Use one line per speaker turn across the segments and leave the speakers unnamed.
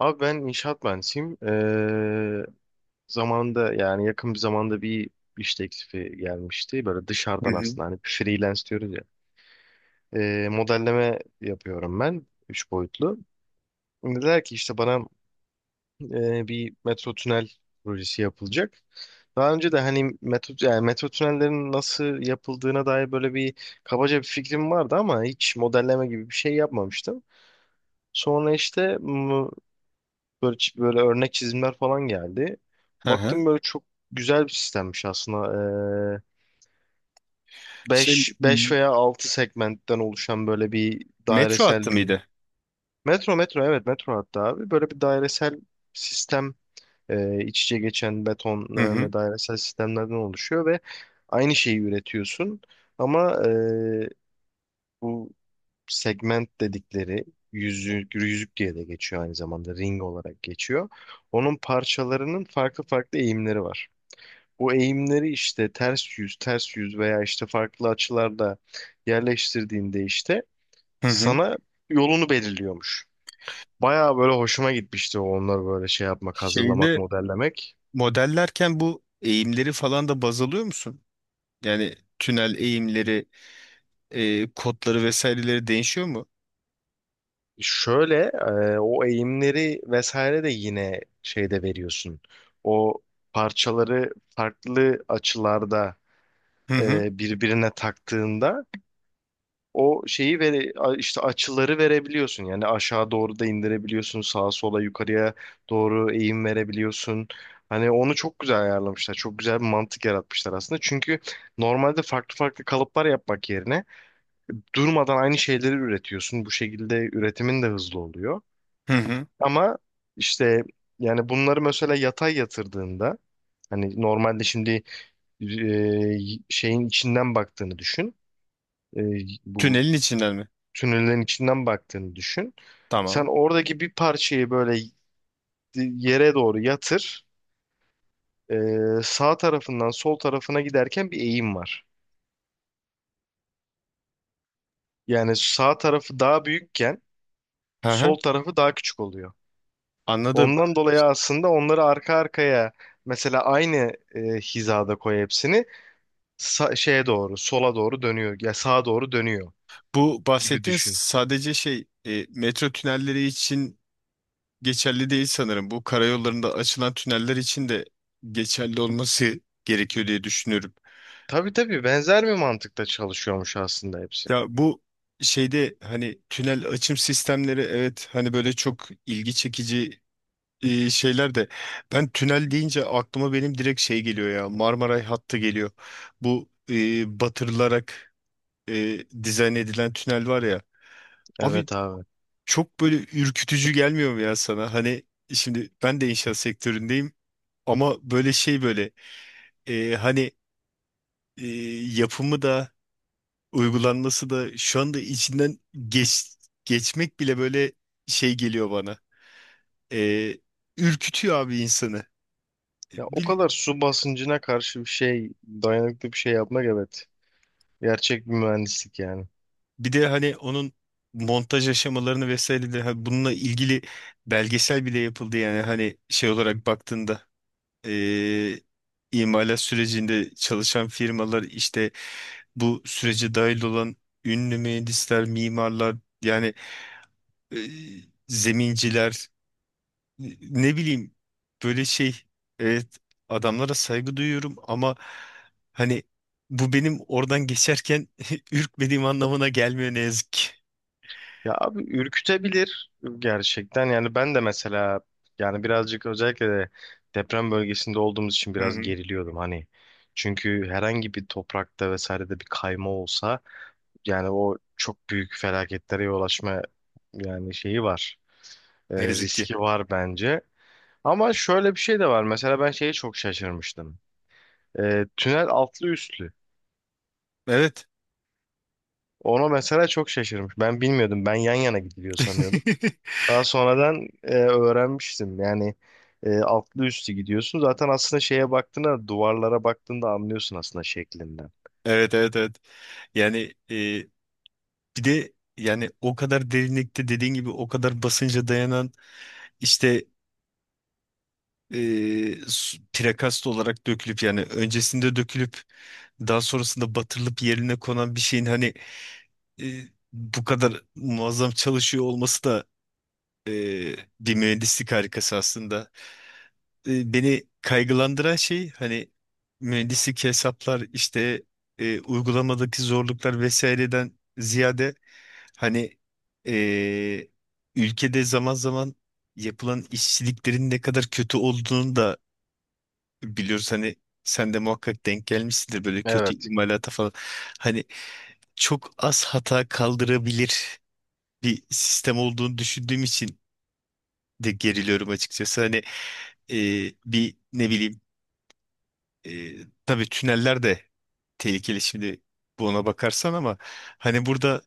Abi ben inşaat mühendisiyim. Zamanında yani yakın bir zamanda bir iş teklifi gelmişti. Böyle
Hı
dışarıdan
hı.
aslında hani freelance diyoruz ya. Modelleme yapıyorum ben. Üç boyutlu. Dediler ki işte bana bir metro tünel projesi yapılacak. Daha önce de hani metro, yani metro tünellerin nasıl yapıldığına dair böyle bir kabaca bir fikrim vardı ama hiç modelleme gibi bir şey yapmamıştım. Sonra işte böyle, böyle örnek çizimler falan geldi.
Hı hı.
Baktım böyle çok güzel bir sistemmiş aslında. Ee,
Şey
beş veya 6 segmentten oluşan böyle bir
metro hattı
dairesel bir
mıydı?
metro evet, metro hatta abi böyle bir dairesel sistem, iç içe geçen beton
Hı hı.
ve dairesel sistemlerden oluşuyor ve aynı şeyi üretiyorsun ama bu segment dedikleri yüzük, yüzük diye de geçiyor, aynı zamanda ring olarak geçiyor. Onun parçalarının farklı farklı eğimleri var. Bu eğimleri işte ters yüz, ters yüz veya işte farklı açılarda yerleştirdiğinde işte
Hı hı.
sana yolunu belirliyormuş. Bayağı böyle hoşuma gitmişti onları böyle şey yapmak, hazırlamak,
Şeyde
modellemek.
modellerken bu eğimleri falan da baz alıyor musun? Yani tünel eğimleri, kodları vesaireleri değişiyor mu?
Şöyle o eğimleri vesaire de yine şeyde veriyorsun. O parçaları farklı açılarda
Hı hı.
birbirine taktığında o şeyi işte açıları verebiliyorsun. Yani aşağı doğru da indirebiliyorsun, sağa sola yukarıya doğru eğim verebiliyorsun. Hani onu çok güzel ayarlamışlar. Çok güzel bir mantık yaratmışlar aslında. Çünkü normalde farklı farklı kalıplar yapmak yerine durmadan aynı şeyleri üretiyorsun. Bu şekilde üretimin de hızlı oluyor.
Hı hı.
Ama işte yani bunları mesela yatay yatırdığında hani normalde şimdi e, şeyin içinden baktığını düşün. e, bu
Tünelin içinden mi?
tünellerin içinden baktığını düşün. Sen
Tamam.
oradaki bir parçayı böyle yere doğru yatır. E, sağ tarafından sol tarafına giderken bir eğim var. Yani sağ tarafı daha büyükken
Hı hı.
sol tarafı daha küçük oluyor.
Anladım.
Ondan dolayı aslında onları arka arkaya mesela aynı hizada koy, hepsini şeye doğru, sola doğru dönüyor ya sağa doğru dönüyor
Bu
gibi
bahsettiğin
düşün.
sadece şey metro tünelleri için geçerli değil sanırım. Bu karayollarında açılan tüneller için de geçerli olması gerekiyor diye düşünüyorum.
Tabii tabii, benzer bir mantıkta çalışıyormuş aslında hepsi.
Ya bu şeyde hani tünel açım sistemleri, evet, hani böyle çok ilgi çekici şeyler de ben tünel deyince aklıma benim direkt şey geliyor ya, Marmaray hattı geliyor. Bu batırılarak dizayn edilen tünel var ya. Abi
Evet abi.
çok böyle ürkütücü gelmiyor mu ya sana? Hani şimdi ben de inşaat sektöründeyim ama böyle şey, böyle hani e, yapımı da uygulanması da şu anda içinden geç, geçmek bile böyle şey geliyor bana. Ee, Ürkütüyor abi insanı.
Ya o kadar
Bir,
su basıncına karşı bir şey, dayanıklı bir şey yapmak, evet. Gerçek bir mühendislik yani.
Bir de hani onun montaj aşamalarını vesaire de hani bununla ilgili belgesel bile yapıldı. Yani hani şey olarak baktığında, ee, imalat sürecinde çalışan firmalar, işte bu sürece dahil olan ünlü mühendisler, mimarlar, yani ee, zeminciler, ne bileyim, böyle şey, evet, adamlara saygı duyuyorum ama hani bu benim oradan geçerken ürkmediğim anlamına gelmiyor ne yazık ki.
Ya abi, ürkütebilir gerçekten. Yani ben de mesela yani birazcık, özellikle de deprem bölgesinde olduğumuz için
Hı
biraz
hı.
geriliyordum hani. Çünkü herhangi bir toprakta vesairede bir kayma olsa yani o çok büyük felaketlere yol açma yani şeyi var. E,
Ne yazık ki.
riski var bence. Ama şöyle bir şey de var. Mesela ben şeye çok şaşırmıştım. Tünel altlı üstlü.
Evet.
Ona mesela çok şaşırmış. Ben bilmiyordum. Ben yan yana gidiliyor sanıyordum. Daha sonradan öğrenmiştim. Yani altlı üstü gidiyorsun. Zaten aslında şeye baktığında, duvarlara baktığında anlıyorsun aslında şeklinden.
Evet, evet, evet. Yani e, bir de yani o kadar derinlikte, dediğin gibi o kadar basınca dayanan işte e, prekast olarak dökülüp, yani öncesinde dökülüp daha sonrasında batırılıp yerine konan bir şeyin hani e, bu kadar muazzam çalışıyor olması da e, bir mühendislik harikası aslında. Beni kaygılandıran şey hani mühendislik hesaplar, işte uygulamadaki zorluklar vesaireden ziyade, hani e, ülkede zaman zaman yapılan işçiliklerin ne kadar kötü olduğunu da biliyoruz. Hani sen de muhakkak denk gelmişsindir böyle kötü
Evet.
imalata falan. Hani çok az hata kaldırabilir bir sistem olduğunu düşündüğüm için de geriliyorum açıkçası. Hani bir, ne bileyim, e, tabii tüneller de tehlikeli şimdi buna bakarsan, ama hani burada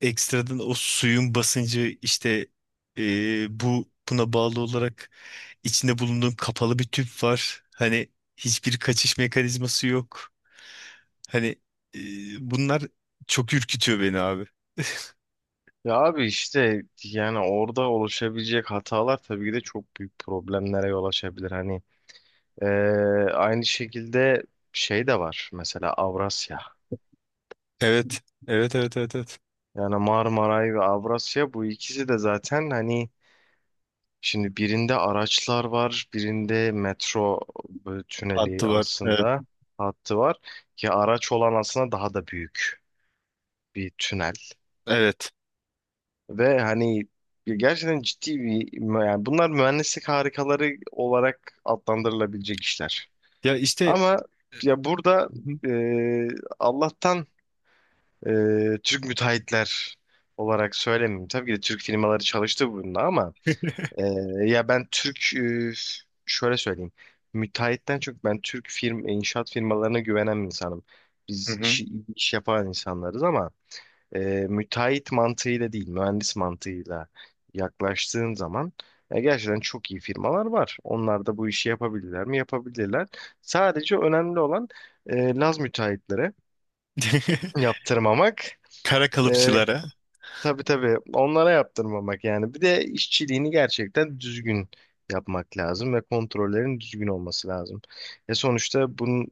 ekstradan o suyun basıncı, işte e, bu buna bağlı olarak içinde bulunduğun kapalı bir tüp var. Hani hiçbir kaçış mekanizması yok. Hani e, bunlar çok ürkütüyor beni abi.
Ya abi, işte yani orada oluşabilecek hatalar tabii ki de çok büyük problemlere yol açabilir. Hani e, aynı şekilde şey de var, mesela Avrasya.
Evet. Evet, evet, evet, evet.
Yani Marmaray ve Avrasya, bu ikisi de zaten hani, şimdi birinde araçlar var, birinde metro
Hattı
tüneli
var. Evet.
aslında, hattı var ki araç olan aslında daha da büyük bir tünel
Evet.
ve hani gerçekten ciddi yani bunlar mühendislik harikaları olarak adlandırılabilecek işler.
Ya işte.
Ama ya burada
Hı hı.
e, Allah'tan Türk müteahhitler olarak söylemeyeyim. Tabii ki de Türk firmaları çalıştı bununla ama e, ya ben Türk şöyle söyleyeyim. Müteahhitten çok ben Türk inşaat firmalarına güvenen bir insanım. Biz işi, iş yapan insanlarız ama e, müteahhit mantığıyla değil, mühendis mantığıyla yaklaştığın zaman gerçekten çok iyi firmalar var. Onlar da bu işi yapabilirler mi? Yapabilirler. Sadece önemli olan Laz müteahhitlere yaptırmamak.
Kara kalıpçılara.
Tabii tabii, onlara yaptırmamak yani. Bir de işçiliğini gerçekten düzgün yapmak lazım ve kontrollerin düzgün olması lazım. Sonuçta bunun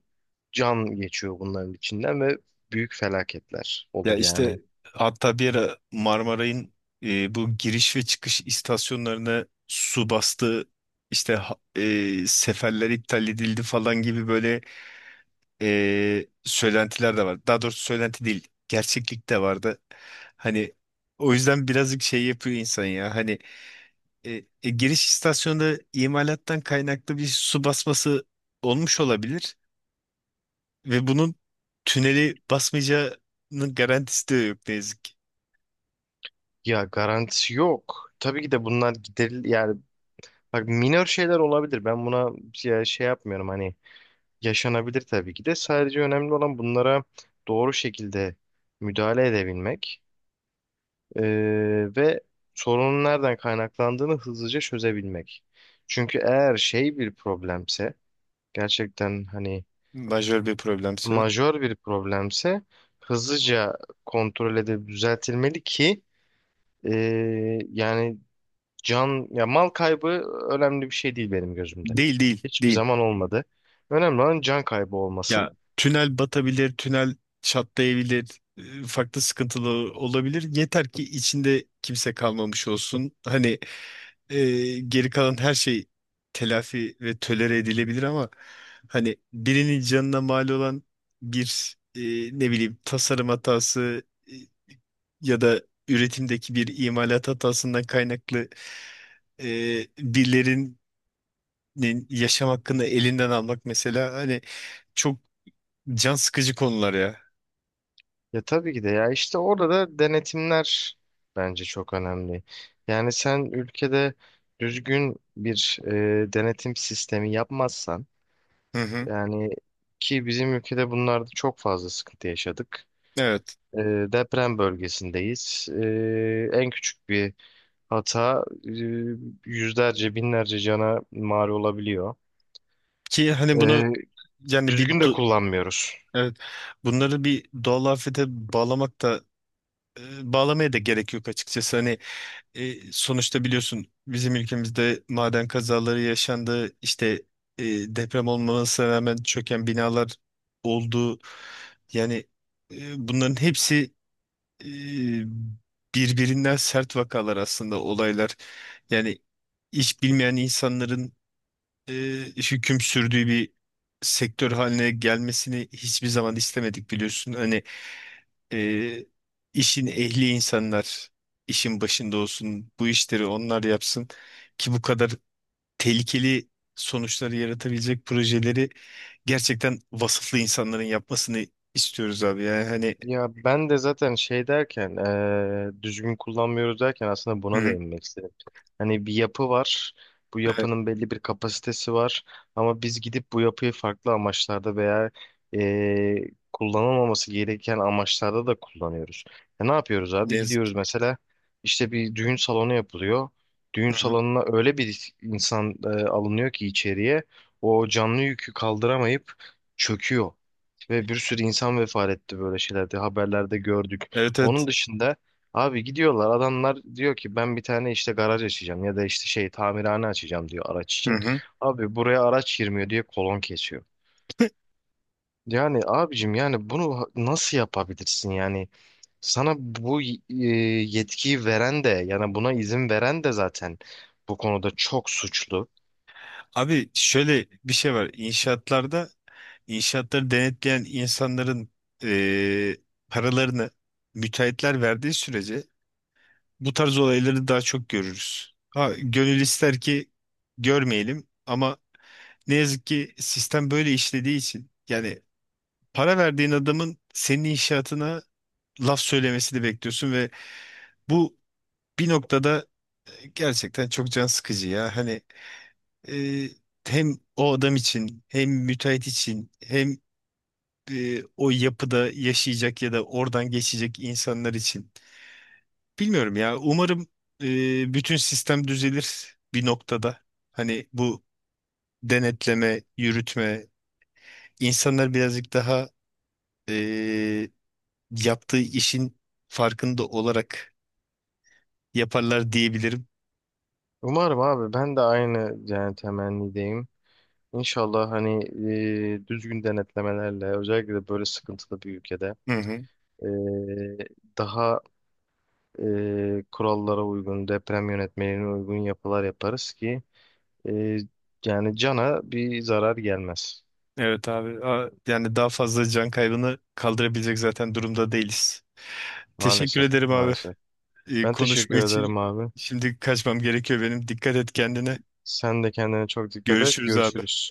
can geçiyor bunların içinden ve büyük felaketler
Ya
olur yani.
işte, hatta bir ara Marmaray'ın bu giriş ve çıkış istasyonlarına su bastı. İşte seferler iptal edildi falan gibi böyle söylentiler de var. Daha doğrusu söylenti değil, gerçeklik de vardı. Hani o yüzden birazcık şey yapıyor insan ya. Hani giriş istasyonda imalattan kaynaklı bir su basması olmuş olabilir ve bunun tüneli basmayacağının garantisi de yok ne yazık ki.
Ya garantisi yok. Tabii ki de bunlar yani bak, minor şeyler olabilir. Ben buna ya şey yapmıyorum hani, yaşanabilir tabii ki de. Sadece önemli olan bunlara doğru şekilde müdahale edebilmek ve sorunun nereden kaynaklandığını hızlıca çözebilmek. Çünkü eğer şey bir problemse, gerçekten hani
Majör bir problemse.
majör bir problemse, hızlıca kontrol edip düzeltilmeli ki yani can ya mal kaybı önemli bir şey değil benim gözümde.
Değil, değil,
Hiçbir
değil.
zaman olmadı. Önemli olan can kaybı
Ya
olmasın.
tünel batabilir, tünel çatlayabilir, farklı sıkıntılı olabilir. Yeter ki içinde kimse kalmamış olsun. Hani geri kalan her şey telafi ve tölere edilebilir ama hani birinin canına mal olan bir, ne bileyim, tasarım hatası, ya da üretimdeki bir imalat hatasından kaynaklı birilerin yaşam hakkını elinden almak mesela, hani çok can sıkıcı konular ya.
Ya tabii ki de, ya işte orada da denetimler bence çok önemli. Yani sen ülkede düzgün bir denetim sistemi yapmazsan
Hı hı.
yani, ki bizim ülkede bunlarda çok fazla sıkıntı yaşadık.
Evet.
E, deprem bölgesindeyiz. En küçük bir hata yüzlerce binlerce cana mal olabiliyor.
Ki hani bunu,
E,
yani bir
düzgün de
do-
kullanmıyoruz.
evet, bunları bir doğal afete bağlamak da bağlamaya da gerek yok açıkçası. Hani sonuçta biliyorsun, bizim ülkemizde maden kazaları yaşandı. İşte e, deprem olmamasına rağmen çöken binalar oldu. Yani e, bunların hepsi e, birbirinden sert vakalar aslında, olaylar. Yani hiç bilmeyen insanların e, hüküm sürdüğü bir sektör haline gelmesini hiçbir zaman istemedik, biliyorsun. Hani e, işin ehli insanlar işin başında olsun, bu işleri onlar yapsın ki bu kadar tehlikeli sonuçları yaratabilecek projeleri gerçekten vasıflı insanların yapmasını istiyoruz abi. Yani hani,
Ya ben de zaten şey derken, düzgün kullanmıyoruz derken aslında
hı
buna
hı,
değinmek istedim. Hani bir yapı var. Bu
evet,
yapının belli bir kapasitesi var. Ama biz gidip bu yapıyı farklı amaçlarda veya kullanılmaması gereken amaçlarda da kullanıyoruz. Ya ne yapıyoruz
ne
abi?
yazık
Gidiyoruz mesela işte bir düğün salonu yapılıyor. Düğün
ki.
salonuna öyle bir insan alınıyor ki içeriye, o canlı yükü kaldıramayıp çöküyor. Ve bir sürü insan vefat etti böyle şeylerde. Haberlerde gördük.
Evet, evet.
Onun dışında abi, gidiyorlar adamlar, diyor ki ben bir tane işte garaj açacağım ya da işte şey, tamirhane açacağım diyor araç
Hı
için.
hı.
Abi buraya araç girmiyor diye kolon kesiyor. Yani abicim, yani bunu nasıl yapabilirsin yani, sana bu yetkiyi veren de yani buna izin veren de zaten bu konuda çok suçlu.
Abi şöyle bir şey var. İnşaatlarda inşaatları denetleyen insanların eee, paralarını müteahhitler verdiği sürece bu tarz olayları daha çok görürüz. Ha, gönül ister ki görmeyelim ama ne yazık ki sistem böyle işlediği için, yani para verdiğin adamın senin inşaatına laf söylemesini bekliyorsun ve bu bir noktada gerçekten çok can sıkıcı ya. Hani e, hem o adam için, hem müteahhit için, hem o yapıda yaşayacak ya da oradan geçecek insanlar için. Bilmiyorum ya. Umarım bütün sistem düzelir bir noktada. Hani bu denetleme, yürütme, insanlar birazcık daha e, yaptığı işin farkında olarak yaparlar diyebilirim.
Umarım abi, ben de aynı yani temennideyim. İnşallah hani düzgün denetlemelerle, özellikle de böyle sıkıntılı bir ülkede,
Hı hı.
e, daha kurallara uygun, deprem yönetmeliğine uygun yapılar yaparız ki e, yani cana bir zarar gelmez.
Evet abi. A- yani daha fazla can kaybını kaldırabilecek zaten durumda değiliz. Teşekkür
Maalesef,
ederim abi.
maalesef. Ben
Konuşma
teşekkür
için
ederim abi.
şimdi kaçmam gerekiyor benim. Dikkat et kendine.
Sen de kendine çok dikkat et.
Görüşürüz abi.
Görüşürüz.